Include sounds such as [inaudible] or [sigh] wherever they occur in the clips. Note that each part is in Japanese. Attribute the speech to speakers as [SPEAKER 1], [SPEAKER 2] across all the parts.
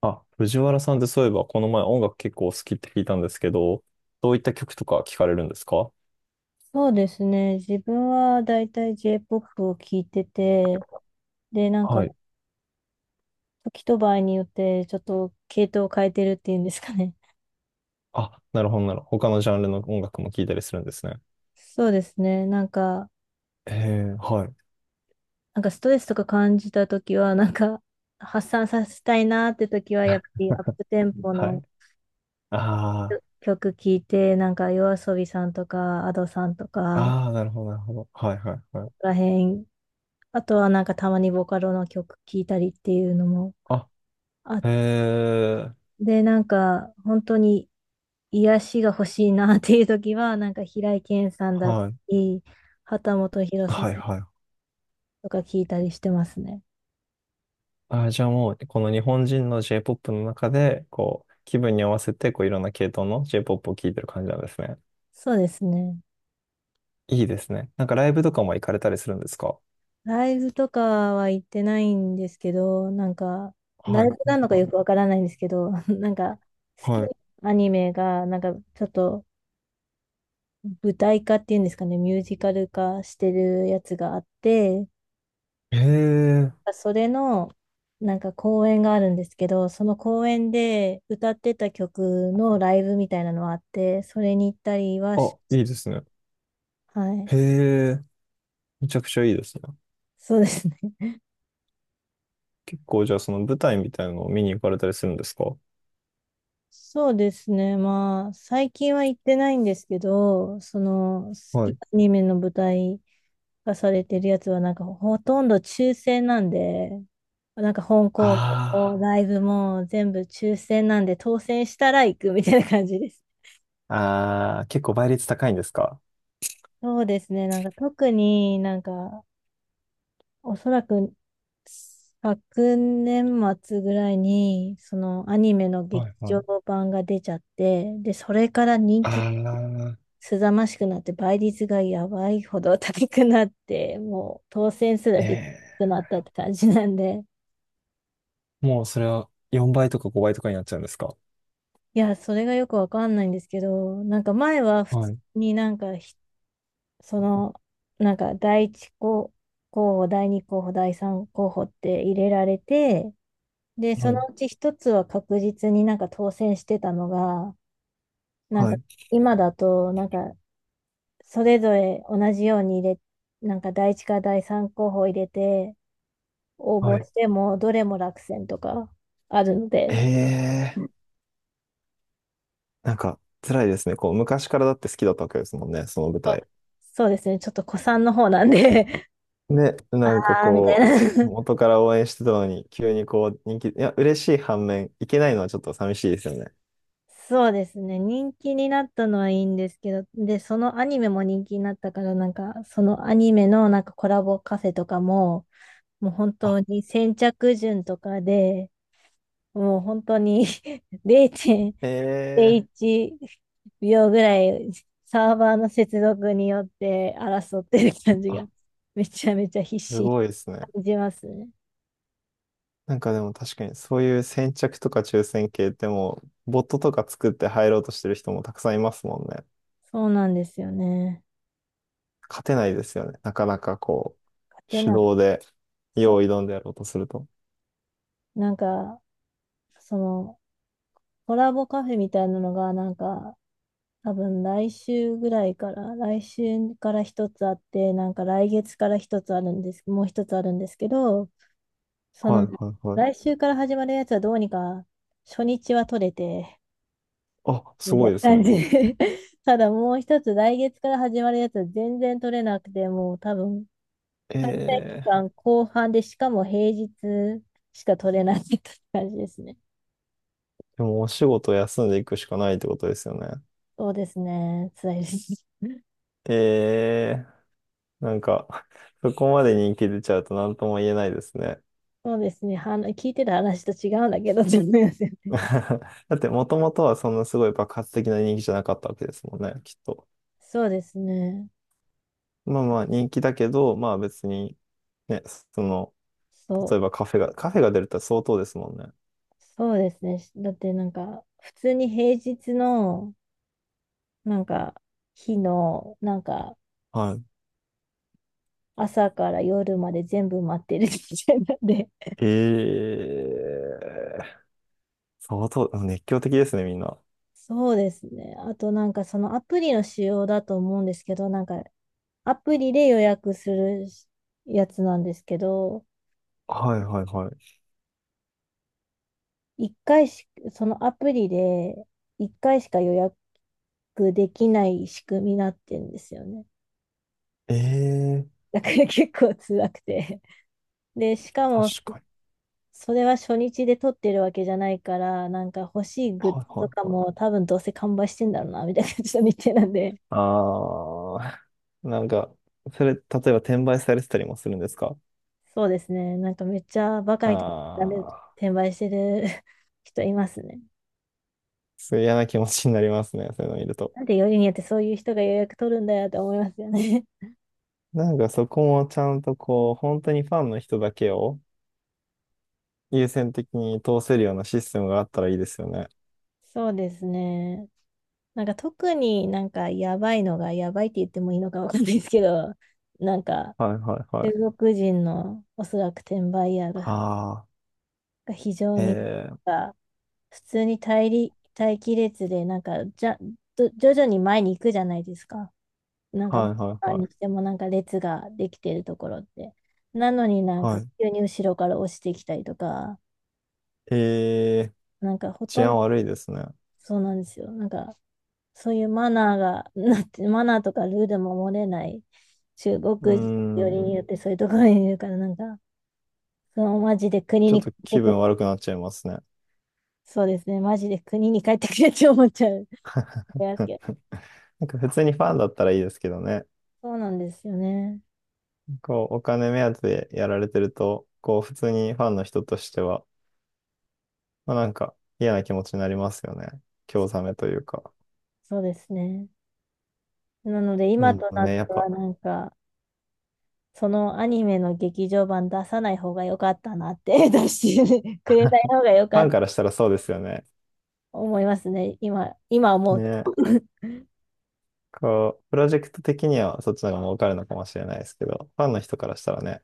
[SPEAKER 1] あ、藤原さんってそういえばこの前音楽結構お好きって聞いたんですけど、どういった曲とか聞かれるんですか？
[SPEAKER 2] そうですね。自分はだいたい J-POP を聴いてて、で、なんか、
[SPEAKER 1] はい。
[SPEAKER 2] 時と場合によって、ちょっと系統を変えてるっていうんですかね。
[SPEAKER 1] あ、なるほどなるほど。他のジャンルの音楽も聞いたりするんですね。
[SPEAKER 2] [laughs] そうですね。なんか、
[SPEAKER 1] ええ、はい。
[SPEAKER 2] なんかストレスとか感じた時は、なんか、発散させたいなって時は、やっぱりアップテンポ
[SPEAKER 1] は
[SPEAKER 2] の
[SPEAKER 1] い。あ
[SPEAKER 2] 曲聴いて、なんか、YOASOBI さんとか、a d さんとか、
[SPEAKER 1] あ、ああ、なるほどなるほど。はいはいは
[SPEAKER 2] こ
[SPEAKER 1] い。
[SPEAKER 2] こら辺、あとはなんか、たまにボカロの曲聴いたりっていうのも
[SPEAKER 1] あ、
[SPEAKER 2] あって、
[SPEAKER 1] ええ、
[SPEAKER 2] で、なんか、本当に、癒しが欲しいなっていう時は、なんか平井堅さんだった
[SPEAKER 1] はい。
[SPEAKER 2] り、秦基博さん
[SPEAKER 1] はいはい。
[SPEAKER 2] とか聞いたりしてますね。
[SPEAKER 1] あ、じゃあもう、この日本人の J-POP の中で、こう、気分に合わせて、こう、いろんな系統の J-POP を聴いてる感じなんですね。
[SPEAKER 2] そうですね。
[SPEAKER 1] いいですね。なんかライブとかも行かれたりするんですか？
[SPEAKER 2] ライブとかは行ってないんですけど、なんか、ラ
[SPEAKER 1] は
[SPEAKER 2] イ
[SPEAKER 1] い。
[SPEAKER 2] ブなのか
[SPEAKER 1] は
[SPEAKER 2] よ
[SPEAKER 1] い。
[SPEAKER 2] くわからないんですけど、[laughs] なんか、好き
[SPEAKER 1] はい。
[SPEAKER 2] なアニメが、なんかちょっと舞台化っていうんですかね、ミュージカル化してるやつがあって、
[SPEAKER 1] へえ、
[SPEAKER 2] それの、なんか公演があるんですけど、その公演で歌ってた曲のライブみたいなのはあって、それに行ったりはし
[SPEAKER 1] あ、
[SPEAKER 2] まし
[SPEAKER 1] いいですね。
[SPEAKER 2] た、はい。
[SPEAKER 1] へえ、めちゃくちゃいいですね。
[SPEAKER 2] そうですね。[laughs]
[SPEAKER 1] 結構じゃあその舞台みたいなのを見に行かれたりするんですか？
[SPEAKER 2] そうですね。まあ、最近は行ってないんですけど、その、好き
[SPEAKER 1] は
[SPEAKER 2] な
[SPEAKER 1] い。
[SPEAKER 2] アニメの舞台化されてるやつは、なんかほとんど抽選なんで、なんか本校
[SPEAKER 1] あ
[SPEAKER 2] もライブも全部抽選なんで、当選したら行くみたいな感じです。
[SPEAKER 1] あ、ああ、結構倍率高いんですか？
[SPEAKER 2] そうですね。なんか特になんかおそらく昨年末ぐらいに、そのアニメの劇
[SPEAKER 1] はいは
[SPEAKER 2] 場
[SPEAKER 1] い。
[SPEAKER 2] 版が出ちゃって、で、それから人気
[SPEAKER 1] ああ、
[SPEAKER 2] すざましくなって、倍率がやばいほど高くなって、もう当選す
[SPEAKER 1] え
[SPEAKER 2] らできなく
[SPEAKER 1] え、
[SPEAKER 2] なったって感じなんで、
[SPEAKER 1] もうそれは4倍とか5倍とかになっちゃうんですか？
[SPEAKER 2] いや、それがよくわかんないんですけど、なんか前は普
[SPEAKER 1] は
[SPEAKER 2] 通
[SPEAKER 1] い、
[SPEAKER 2] になんかその、なんか第一候補、第二候補、第三候補って入れられて、で、
[SPEAKER 1] は
[SPEAKER 2] その
[SPEAKER 1] い、
[SPEAKER 2] うち一つは確実になんか当選してたのが、なん
[SPEAKER 1] は
[SPEAKER 2] か
[SPEAKER 1] い、
[SPEAKER 2] 今だと、なんかそれぞれ同じように入れ、なんか第一か第三候補入れて応
[SPEAKER 1] は
[SPEAKER 2] 募
[SPEAKER 1] い。
[SPEAKER 2] しても、どれも落選とかあるの
[SPEAKER 1] え
[SPEAKER 2] で、
[SPEAKER 1] え、なんか辛いですね。こう昔からだって好きだったわけですもんね、その舞
[SPEAKER 2] そう
[SPEAKER 1] 台。
[SPEAKER 2] そうですね、ちょっと古参の方なんで
[SPEAKER 1] ね、
[SPEAKER 2] [laughs] あ
[SPEAKER 1] なんか
[SPEAKER 2] あ、みたい
[SPEAKER 1] こう、
[SPEAKER 2] な
[SPEAKER 1] 元から応援してたのに、急にこう、人気、いや、嬉しい反面、いけないのはちょっと寂しいですよね。
[SPEAKER 2] [laughs] そうですね、人気になったのはいいんですけど、で、そのアニメも人気になったから、なんかそのアニメのなんかコラボカフェとかも、もう本
[SPEAKER 1] あ、
[SPEAKER 2] 当に先着順とかで、もう本当に [laughs]
[SPEAKER 1] ええ。
[SPEAKER 2] 0.01秒ぐらいサーバーの接続によって争ってる感じが
[SPEAKER 1] あ、
[SPEAKER 2] めちゃめちゃ必
[SPEAKER 1] す
[SPEAKER 2] 死に
[SPEAKER 1] ごいですね。
[SPEAKER 2] 感じますね。
[SPEAKER 1] なんかでも確かに、そういう先着とか抽選系ってもう、ボットとか作って入ろうとしてる人もたくさんいますもんね。
[SPEAKER 2] そうなんですよね。
[SPEAKER 1] 勝てないですよね。なかなかこう、
[SPEAKER 2] で、
[SPEAKER 1] 手
[SPEAKER 2] なんか、
[SPEAKER 1] 動で、
[SPEAKER 2] そ
[SPEAKER 1] よう挑んでやろうとすると。
[SPEAKER 2] う、なんか、その、コラボカフェみたいなのが、なんか、多分来週ぐらいから、来週から一つあって、なんか来月から一つあるんです、もう一つあるんですけど、そ
[SPEAKER 1] は
[SPEAKER 2] の、
[SPEAKER 1] いはいはい。
[SPEAKER 2] 来週から始まるやつはどうにか、初日は取れて、
[SPEAKER 1] あ、す
[SPEAKER 2] みた
[SPEAKER 1] ご
[SPEAKER 2] い
[SPEAKER 1] い
[SPEAKER 2] な
[SPEAKER 1] ですね。
[SPEAKER 2] 感じで [laughs] ただもう一つ、来月から始まるやつは全然取れなくて、もう多分、開催期
[SPEAKER 1] ええ。
[SPEAKER 2] 間後半で、しかも平日しか取れないって感じですね。
[SPEAKER 1] でもお仕事休んでいくしかないってことですよね。
[SPEAKER 2] そうですね。辛いです。
[SPEAKER 1] ええ。なんか、[laughs] そこまで人気出ちゃうと何とも言えないですね。
[SPEAKER 2] そうですね。は聞いてた話と違うんだけど、ちょっとすみません
[SPEAKER 1] [laughs] だって、もともとはそんなすごい爆発的な人気じゃなかったわけですもんね、きっと。
[SPEAKER 2] そうですね。
[SPEAKER 1] まあまあ、人気だけど、まあ別に、ね、その、
[SPEAKER 2] そ
[SPEAKER 1] 例
[SPEAKER 2] う。
[SPEAKER 1] えばカフェが出るって相当ですもんね。
[SPEAKER 2] そうですね。だってなんか、普通に平日の、なんか、日の、なんか、
[SPEAKER 1] はい。
[SPEAKER 2] 朝から夜まで全部待ってるみたいなんで。
[SPEAKER 1] ええ。相当、熱狂的ですね、みんな。
[SPEAKER 2] [laughs] そうですね。あとなんかそのアプリの仕様だと思うんですけど、なんかアプリで予約するやつなんですけど、
[SPEAKER 1] はいはいはい。
[SPEAKER 2] 一回し、そのアプリで一回しか予約できない仕組みになってんですよね。
[SPEAKER 1] ええ。
[SPEAKER 2] [laughs] だから結構辛くて。で、しか
[SPEAKER 1] 確
[SPEAKER 2] も
[SPEAKER 1] かに。
[SPEAKER 2] それは初日で撮ってるわけじゃないから、なんか欲しいグッズ
[SPEAKER 1] はいは
[SPEAKER 2] と
[SPEAKER 1] い
[SPEAKER 2] か
[SPEAKER 1] はい。
[SPEAKER 2] も多分どうせ完売してんだろうな、みたいな感じの日程なんで。
[SPEAKER 1] ああ、[laughs] なんか、それ、例えば転売されてたりもするんですか？
[SPEAKER 2] そうですね。なんかめっちゃバカ
[SPEAKER 1] あ
[SPEAKER 2] みたいなダメ
[SPEAKER 1] あ、
[SPEAKER 2] 転売してる [laughs] 人いますね。
[SPEAKER 1] すごい嫌な気持ちになりますね、[laughs] そういうの見ると。
[SPEAKER 2] なんでよりによってそういう人が予約取るんだよって思いますよね。
[SPEAKER 1] なんかそこもちゃんとこう、本当にファンの人だけを優先的に通せるようなシステムがあったらいいですよね。
[SPEAKER 2] [laughs] そうですね。なんか特になんかやばいのがやばいって言ってもいいのかわかんないですけど、なんか
[SPEAKER 1] はいはいは
[SPEAKER 2] 中
[SPEAKER 1] い。
[SPEAKER 2] 国人のおそらく転売ヤーが
[SPEAKER 1] ああ、
[SPEAKER 2] が非常
[SPEAKER 1] え
[SPEAKER 2] に
[SPEAKER 1] え、
[SPEAKER 2] なんか普通に待機列でなんかじゃ、ど徐々に前に行くじゃないですか。なんか、
[SPEAKER 1] はいはい
[SPEAKER 2] 何
[SPEAKER 1] は
[SPEAKER 2] にし
[SPEAKER 1] い。
[SPEAKER 2] てもなんか列ができてるところって。なのになんか
[SPEAKER 1] はい。
[SPEAKER 2] 急に後ろから押してきたりとか、
[SPEAKER 1] ええ、
[SPEAKER 2] なんかほ
[SPEAKER 1] 治
[SPEAKER 2] とん
[SPEAKER 1] 安
[SPEAKER 2] ど
[SPEAKER 1] 悪いですね。
[SPEAKER 2] そうなんですよ。なんかそういうマナーが、なって、マナーとかルールも守れない中
[SPEAKER 1] うー
[SPEAKER 2] 国人よりに
[SPEAKER 1] ん、
[SPEAKER 2] よってそういうところにいるから、なんか、そのマジで国
[SPEAKER 1] ちょっ
[SPEAKER 2] に帰
[SPEAKER 1] と
[SPEAKER 2] って
[SPEAKER 1] 気
[SPEAKER 2] くれ、
[SPEAKER 1] 分悪くなっちゃいますね。
[SPEAKER 2] そうですね、マジで国に帰ってくれって思っちゃう。いや
[SPEAKER 1] うん。なんか普通にファンだったらいいですけどね。
[SPEAKER 2] そうなんですよね。
[SPEAKER 1] こう、お金目当てでやられてると、こう、普通にファンの人としては、まあ、なんか嫌な気持ちになりますよね。興ざめというか。
[SPEAKER 2] そうですね。なので
[SPEAKER 1] う
[SPEAKER 2] 今と
[SPEAKER 1] ん。
[SPEAKER 2] なっ
[SPEAKER 1] ね、
[SPEAKER 2] て
[SPEAKER 1] やっ
[SPEAKER 2] は
[SPEAKER 1] ぱ、
[SPEAKER 2] な
[SPEAKER 1] [laughs]
[SPEAKER 2] んか、そのアニメの劇場版出さない方が良かったなって、[laughs] 出してくれない方が良
[SPEAKER 1] フ
[SPEAKER 2] かっ
[SPEAKER 1] ァ
[SPEAKER 2] た、
[SPEAKER 1] ン
[SPEAKER 2] と
[SPEAKER 1] からしたらそうですよね。
[SPEAKER 2] 思いますね。今、今思うと。
[SPEAKER 1] ね、
[SPEAKER 2] [laughs]
[SPEAKER 1] こう、プロジェクト的にはそっちの方が儲かるのかもしれないですけど、ファンの人からしたらね、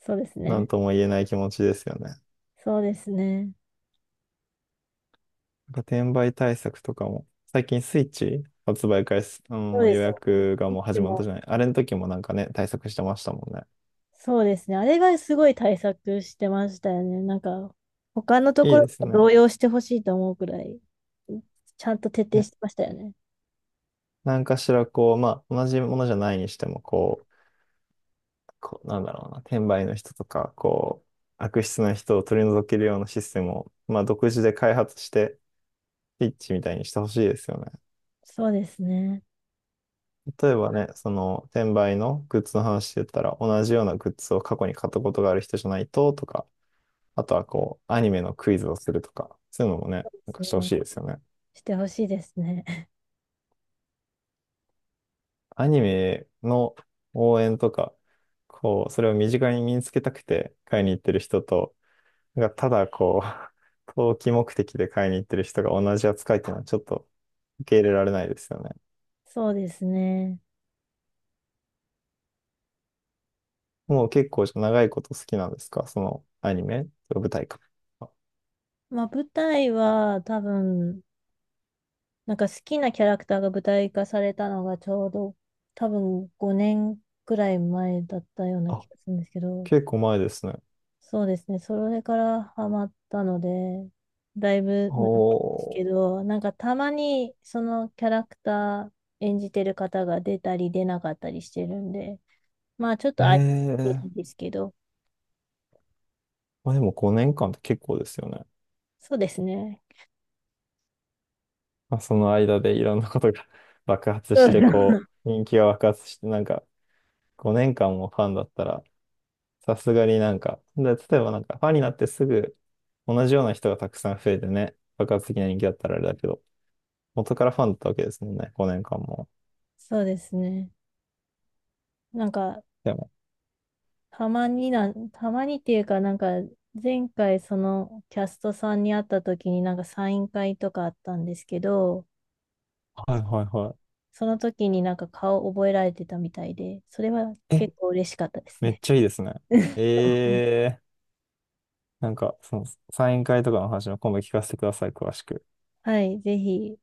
[SPEAKER 2] そうです
[SPEAKER 1] なん
[SPEAKER 2] ね。
[SPEAKER 1] とも言えない気持ちですよね。なんか
[SPEAKER 2] そうですね。
[SPEAKER 1] 転売対策とかも、最近スイッチ発売開始、あ
[SPEAKER 2] そう
[SPEAKER 1] の
[SPEAKER 2] で
[SPEAKER 1] 予
[SPEAKER 2] すよね。
[SPEAKER 1] 約がもう
[SPEAKER 2] で
[SPEAKER 1] 始まった
[SPEAKER 2] も、
[SPEAKER 1] じゃない。あれの時もなんかね、対策してましたもんね。
[SPEAKER 2] そうですね。あれがすごい対策してましたよね。なんか、他のと
[SPEAKER 1] い
[SPEAKER 2] こ
[SPEAKER 1] い
[SPEAKER 2] ろ
[SPEAKER 1] です
[SPEAKER 2] と
[SPEAKER 1] ね。
[SPEAKER 2] 動揺してほしいと思うくらい、ちゃんと徹底
[SPEAKER 1] ね、
[SPEAKER 2] してましたよね。
[SPEAKER 1] なんかしらこう、まあ、同じものじゃないにしても、こう、こう、なんだろうな、転売の人とか、こう、悪質な人を取り除けるようなシステムを、まあ、独自で開発して、ピッチみたいにしてほしいですよね。
[SPEAKER 2] そうですね。
[SPEAKER 1] 例えばね、その、転売のグッズの話で言ったら、同じようなグッズを過去に買ったことがある人じゃないと、とか、あとはこう、アニメのクイズをするとか、そういうのもね、なんかしてほし
[SPEAKER 2] ね
[SPEAKER 1] いですよね。
[SPEAKER 2] してほしいですね。[laughs]
[SPEAKER 1] アニメの応援とか、こう、それを身近に身につけたくて買いに行ってる人と、なんかただこう、[laughs] 投機目的で買いに行ってる人が同じ扱いっていうのはちょっと受け入れられないですよね。
[SPEAKER 2] そうですね。
[SPEAKER 1] もう結構長いこと好きなんですか、そのアニメと舞台か。あ、
[SPEAKER 2] まあ、舞台は多分、なんか好きなキャラクターが舞台化されたのがちょうど多分5年くらい前だったような
[SPEAKER 1] あ。
[SPEAKER 2] 気がするんですけど、
[SPEAKER 1] 結構前ですね。
[SPEAKER 2] そうですね、それからハマったので、だいぶ
[SPEAKER 1] お
[SPEAKER 2] なんですけ
[SPEAKER 1] ー。
[SPEAKER 2] ど、なんかたまにそのキャラクター演じてる方が出たり出なかったりしてるんで、まあちょっと
[SPEAKER 1] え
[SPEAKER 2] 空いて
[SPEAKER 1] え。
[SPEAKER 2] るんですけど、
[SPEAKER 1] まあでも5年間って結構ですよね。
[SPEAKER 2] そうですね。
[SPEAKER 1] まあ、その間でいろんなことが [laughs] 爆発
[SPEAKER 2] う
[SPEAKER 1] して、こ
[SPEAKER 2] ん [laughs]
[SPEAKER 1] う、人気が爆発して、なんか5年間もファンだったら、さすがになんか、で、例えばなんかファンになってすぐ同じような人がたくさん増えてね、爆発的な人気だったらあれだけど、元からファンだったわけですもんね、5年間も。
[SPEAKER 2] そうですね。なんか
[SPEAKER 1] でも、
[SPEAKER 2] たまにっていうか、なんか、前回そのキャストさんに会った時になんかサイン会とかあったんですけど、
[SPEAKER 1] はいはいは
[SPEAKER 2] その時になんか顔覚えられてたみたいで、それは
[SPEAKER 1] い。え、
[SPEAKER 2] 結構嬉しかったです
[SPEAKER 1] めっ
[SPEAKER 2] ね。
[SPEAKER 1] ちゃいいですね。
[SPEAKER 2] [laughs]
[SPEAKER 1] えー、なんかそのサイン会とかの話の今度聞かせてください、詳しく。
[SPEAKER 2] はい、ぜひ。